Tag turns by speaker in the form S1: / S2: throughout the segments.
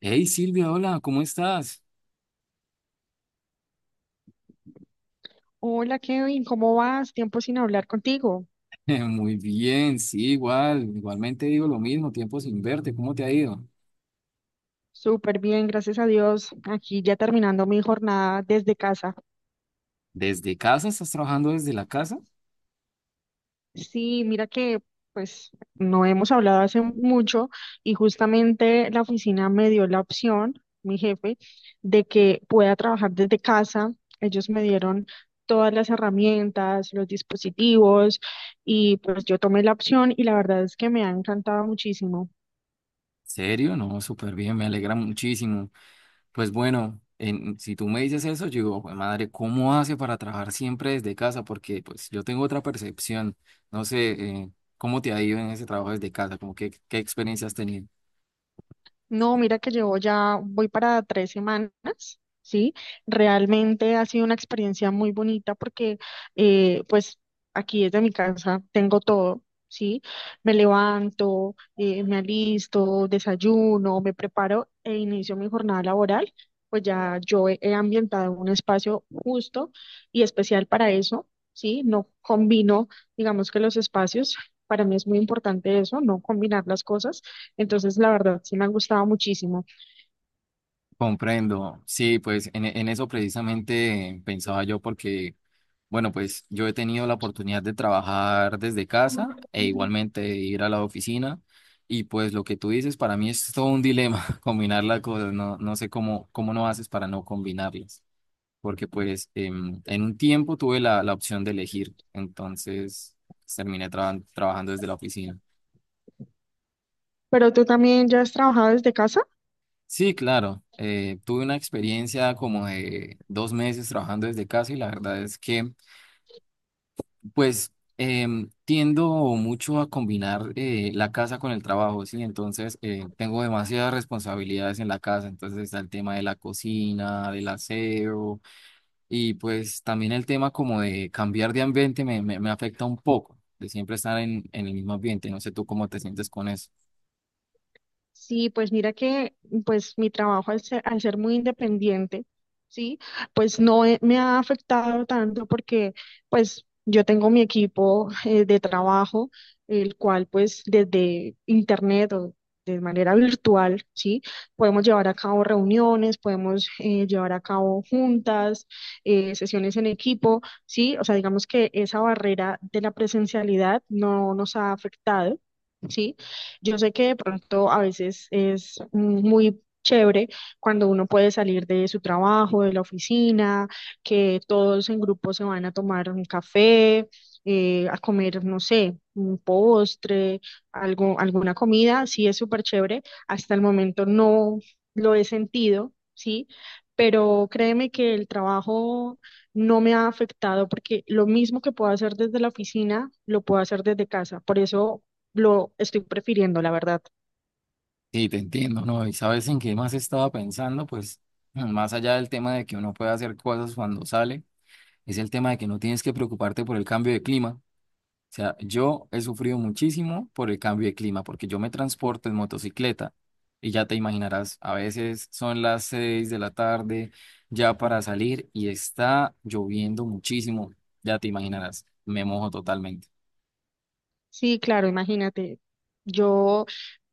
S1: Hey Silvia, hola, ¿cómo estás?
S2: Hola Kevin, ¿cómo vas? Tiempo sin hablar contigo.
S1: Muy bien, sí, igualmente digo lo mismo, tiempo sin verte, ¿cómo te ha ido?
S2: Súper bien, gracias a Dios. Aquí ya terminando mi jornada desde casa.
S1: ¿Desde casa? ¿Estás trabajando desde la casa?
S2: Sí, mira que pues no hemos hablado hace mucho y justamente la oficina me dio la opción, mi jefe, de que pueda trabajar desde casa. Ellos me dieron todas las herramientas, los dispositivos y pues yo tomé la opción y la verdad es que me ha encantado muchísimo.
S1: ¿Serio? No, súper bien, me alegra muchísimo. Pues bueno, si tú me dices eso, yo digo, "Jue madre, ¿cómo hace para trabajar siempre desde casa?" Porque pues yo tengo otra percepción, no sé, eh, ¿cómo te ha ido en ese trabajo desde casa? ¿Cómo qué experiencia has tenido?
S2: No, mira que llevo ya, voy para 3 semanas, ¿sí? Realmente ha sido una experiencia muy bonita porque pues aquí desde mi casa tengo todo, ¿sí? Me levanto, me alisto, desayuno, me preparo e inicio mi jornada laboral. Pues ya yo he ambientado un espacio justo y especial para eso, ¿sí? No combino, digamos que los espacios, para mí es muy importante eso, no combinar las cosas entonces, la verdad, sí me ha gustado muchísimo.
S1: Comprendo, sí, pues en eso precisamente pensaba yo porque bueno, pues yo he tenido la oportunidad de trabajar desde casa e igualmente de ir a la oficina y pues lo que tú dices para mí es todo un dilema combinar las cosas, no sé cómo no haces para no combinarlas, porque pues en un tiempo tuve la opción de elegir, entonces terminé trabajando desde la oficina.
S2: Pero tú también ya has trabajado desde casa.
S1: Sí, claro, tuve una experiencia como de dos meses trabajando desde casa y la verdad es que... Pues tiendo mucho a combinar la casa con el trabajo, ¿sí? Entonces tengo demasiadas responsabilidades en la casa, entonces está el tema de la cocina, del aseo y pues también el tema como de cambiar de ambiente me afecta un poco, de siempre estar en el mismo ambiente, no sé tú cómo te sientes con eso.
S2: Sí, pues mira que pues mi trabajo al ser muy independiente, sí, pues no he- me ha afectado tanto porque pues yo tengo mi equipo de trabajo, el cual pues desde internet o de manera virtual, sí, podemos llevar a cabo reuniones, podemos llevar a cabo juntas, sesiones en equipo, sí, o sea, digamos que esa barrera de la presencialidad no nos ha afectado. ¿Sí? Yo sé que de pronto a veces es muy chévere cuando uno puede salir de su trabajo, de la oficina, que todos en grupo se van a tomar un café, a comer, no sé, un postre, algo, alguna comida, sí es súper chévere. Hasta el momento no lo he sentido, ¿sí? Pero créeme que el trabajo no me ha afectado porque lo mismo que puedo hacer desde la oficina, lo puedo hacer desde casa. Por eso lo estoy prefiriendo, la verdad.
S1: Sí, te entiendo, ¿no? Y sabes en qué más estaba pensando, pues más allá del tema de que uno puede hacer cosas cuando sale, es el tema de que no tienes que preocuparte por el cambio de clima. O sea, yo he sufrido muchísimo por el cambio de clima, porque yo me transporto en motocicleta y ya te imaginarás, a veces son las 6 de la tarde ya para salir y está lloviendo muchísimo, ya te imaginarás, me mojo totalmente.
S2: Sí, claro, imagínate. Yo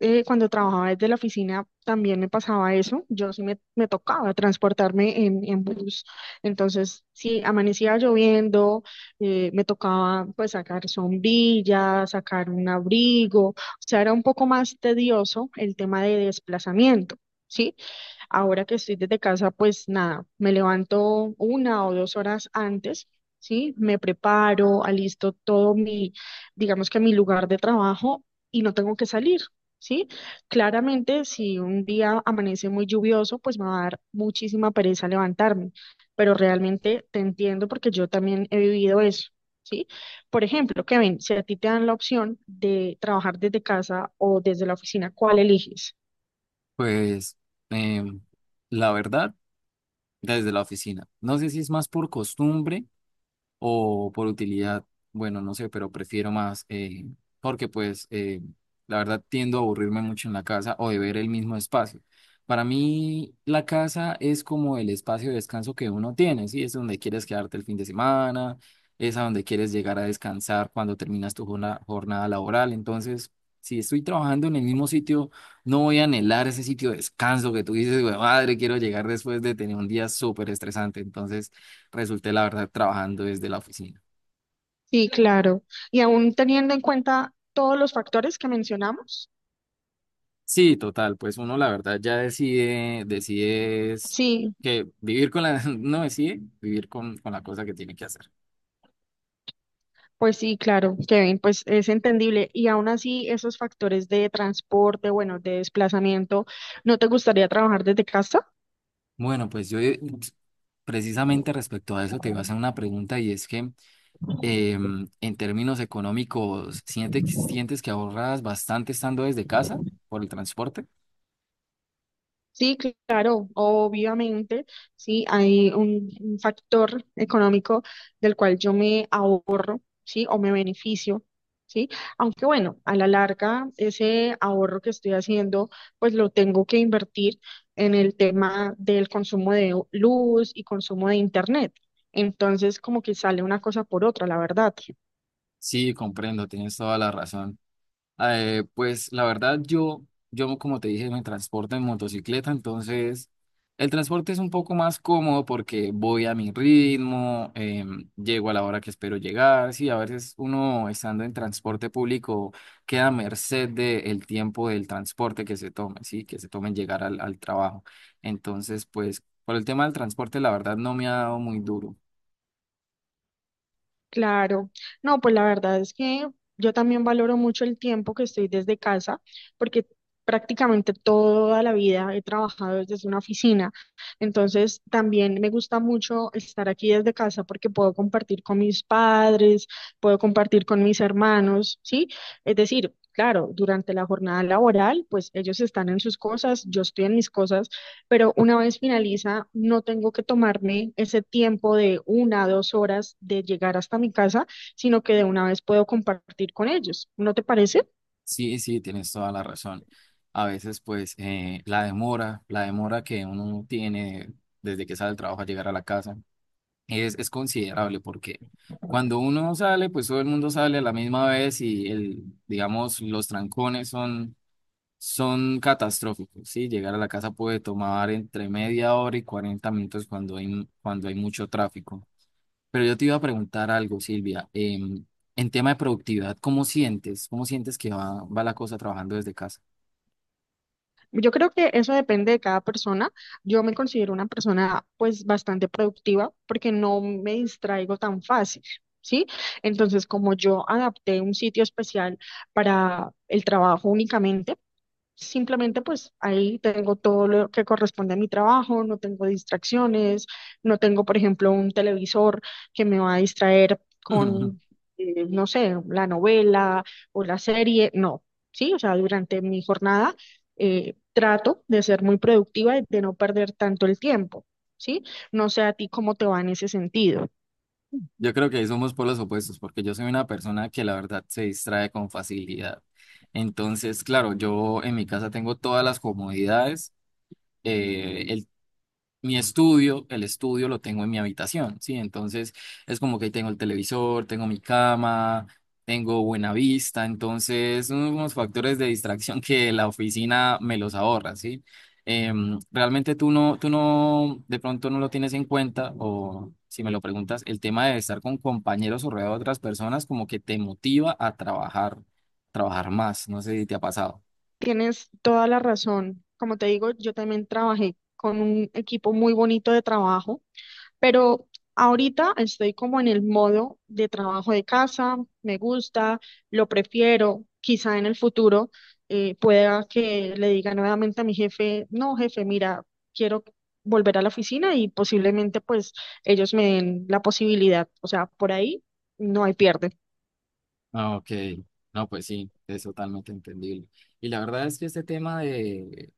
S2: cuando trabajaba desde la oficina también me pasaba eso. Yo sí me tocaba transportarme en bus. Entonces, sí, amanecía lloviendo, me tocaba pues sacar sombrillas, sacar un abrigo. O sea, era un poco más tedioso el tema de desplazamiento. ¿Sí? Ahora que estoy desde casa, pues nada, me levanto 1 o 2 horas antes, ¿sí? Me preparo, alisto todo mi, digamos que mi lugar de trabajo y no tengo que salir, ¿sí? Claramente, si un día amanece muy lluvioso, pues me va a dar muchísima pereza levantarme, pero realmente te entiendo porque yo también he vivido eso. ¿Sí? Por ejemplo, Kevin, si a ti te dan la opción de trabajar desde casa o desde la oficina, ¿cuál eliges?
S1: Pues em, la verdad, desde la oficina, no sé si es más por costumbre o por utilidad, bueno, no sé, pero prefiero más, porque pues la verdad tiendo a aburrirme mucho en la casa o de ver el mismo espacio. Para mí la casa es como el espacio de descanso que uno tiene, ¿sí? Es donde quieres quedarte el fin de semana, es a donde quieres llegar a descansar cuando terminas tu jornada laboral. Entonces, si estoy trabajando en el mismo sitio, no voy a anhelar ese sitio de descanso que tú dices, "Güey, madre, quiero llegar después de tener un día súper estresante." Entonces, resulté la verdad trabajando desde la oficina.
S2: Sí, claro. Y aún teniendo en cuenta todos los factores que mencionamos,
S1: Sí, total, pues uno la verdad ya decide es
S2: sí,
S1: que vivir con la, no decide vivir con la cosa que tiene que hacer.
S2: pues sí, claro, Kevin, pues es entendible. Y aún así, esos factores de transporte, bueno, de desplazamiento, ¿no te gustaría trabajar desde casa?
S1: Bueno, pues yo precisamente respecto a eso te iba a hacer una pregunta y es que en términos económicos, sientes que ahorras bastante estando desde casa por el transporte?
S2: Sí, claro, obviamente, sí, hay un factor económico del cual yo me ahorro, sí, o me beneficio, sí, aunque bueno, a la larga ese ahorro que estoy haciendo, pues lo tengo que invertir en el tema del consumo de luz y consumo de internet. Entonces, como que sale una cosa por otra, la verdad.
S1: Sí, comprendo, tienes toda la razón. Pues la verdad, yo como te dije, me transporto en motocicleta, entonces el transporte es un poco más cómodo porque voy a mi ritmo, llego a la hora que espero llegar. Sí, a veces uno estando en transporte público queda a merced del tiempo del transporte que se tome, sí, que se tome en llegar al trabajo. Entonces, pues por el tema del transporte, la verdad no me ha dado muy duro.
S2: Claro, no, pues la verdad es que yo también valoro mucho el tiempo que estoy desde casa, porque prácticamente toda la vida he trabajado desde una oficina, entonces también me gusta mucho estar aquí desde casa porque puedo compartir con mis padres, puedo compartir con mis hermanos, ¿sí? Es decir, claro, durante la jornada laboral, pues ellos están en sus cosas, yo estoy en mis cosas pero una vez finaliza, no tengo que tomarme ese tiempo de 1, 2 horas de llegar hasta mi casa, sino que de una vez puedo compartir con ellos. ¿No te parece?
S1: Sí, sí, tienes toda la razón. A veces, pues, la demora que uno tiene desde que sale del trabajo a llegar a la casa es considerable porque cuando uno sale, pues todo el mundo sale a la misma vez y el, digamos, los trancones son catastróficos, ¿sí? Llegar a la casa puede tomar entre media hora y 40 minutos cuando cuando hay mucho tráfico. Pero yo te iba a preguntar algo, Silvia. En tema de productividad, ¿cómo sientes? ¿Cómo sientes que va la cosa trabajando desde casa?
S2: Yo creo que eso depende de cada persona. Yo me considero una persona pues bastante productiva porque no me distraigo tan fácil, ¿sí? Entonces, como yo adapté un sitio especial para el trabajo únicamente, simplemente pues ahí tengo todo lo que corresponde a mi trabajo, no tengo distracciones, no tengo, por ejemplo, un televisor que me va a distraer no sé, la novela o la serie, no, sí, o sea, durante mi jornada trato de ser muy productiva y de no perder tanto el tiempo, ¿sí? No sé a ti cómo te va en ese sentido.
S1: Yo creo que ahí somos polos opuestos, porque yo soy una persona que la verdad se distrae con facilidad. Entonces, claro, yo en mi casa tengo todas las comodidades. El Mi estudio, el estudio lo tengo en mi habitación, ¿sí? Entonces es como que ahí tengo el televisor, tengo mi cama, tengo buena vista, entonces son unos factores de distracción que la oficina me los ahorra, ¿sí? Realmente tú no, de pronto no lo tienes en cuenta o si me lo preguntas, el tema de estar con compañeros o rodeado de otras personas como que te motiva a trabajar más, no sé si te ha pasado.
S2: Tienes toda la razón. Como te digo, yo también trabajé con un equipo muy bonito de trabajo. Pero ahorita estoy como en el modo de trabajo de casa, me gusta, lo prefiero. Quizá en el futuro pueda que le diga nuevamente a mi jefe, "No, jefe, mira, quiero volver a la oficina" y posiblemente pues ellos me den la posibilidad. O sea, por ahí no hay pierde.
S1: Ah, ok, no, pues sí, es totalmente entendible. Y la verdad es que este tema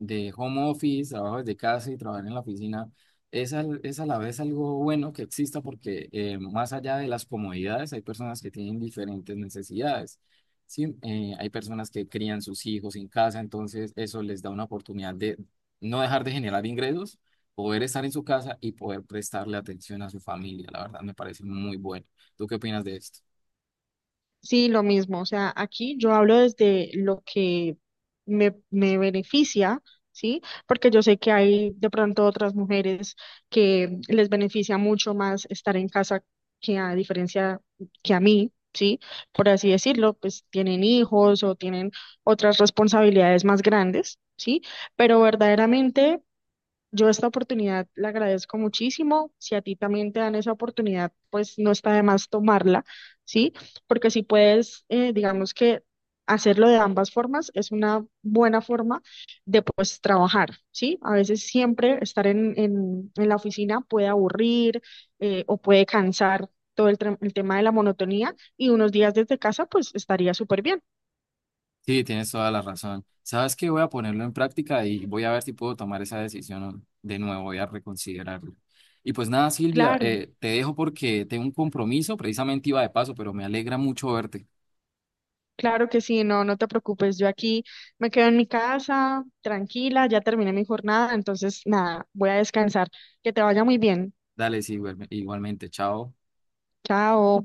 S1: de home office, trabajo desde casa y trabajar en la oficina, es a la vez algo bueno que exista porque más allá de las comodidades, hay personas que tienen diferentes necesidades. Sí, eh, hay personas que crían sus hijos en casa, entonces eso les da una oportunidad de no dejar de generar ingresos, poder estar en su casa y poder prestarle atención a su familia. La verdad me parece muy bueno. ¿Tú qué opinas de esto?
S2: Sí, lo mismo. O sea, aquí yo hablo desde lo que me beneficia, ¿sí? Porque yo sé que hay de pronto otras mujeres que les beneficia mucho más estar en casa que a diferencia que a mí, ¿sí? Por así decirlo, pues tienen hijos o tienen otras responsabilidades más grandes, ¿sí? Pero verdaderamente... Yo esta oportunidad la agradezco muchísimo. Si a ti también te dan esa oportunidad, pues no está de más tomarla, ¿sí? Porque si puedes, digamos que hacerlo de ambas formas es una buena forma de pues trabajar, ¿sí? A veces siempre estar en la oficina puede aburrir o puede cansar todo el, el tema de la monotonía y unos días desde casa pues estaría súper bien.
S1: Sí, tienes toda la razón. Sabes que voy a ponerlo en práctica y voy a ver si puedo tomar esa decisión de nuevo, voy a reconsiderarlo. Y pues nada, Silvia,
S2: Claro.
S1: te dejo porque tengo un compromiso, precisamente iba de paso, pero me alegra mucho verte.
S2: Claro que sí, no, no te preocupes. Yo aquí me quedo en mi casa, tranquila, ya terminé mi jornada, entonces nada, voy a descansar. Que te vaya muy bien.
S1: Dale, sí, igualmente, chao.
S2: Chao.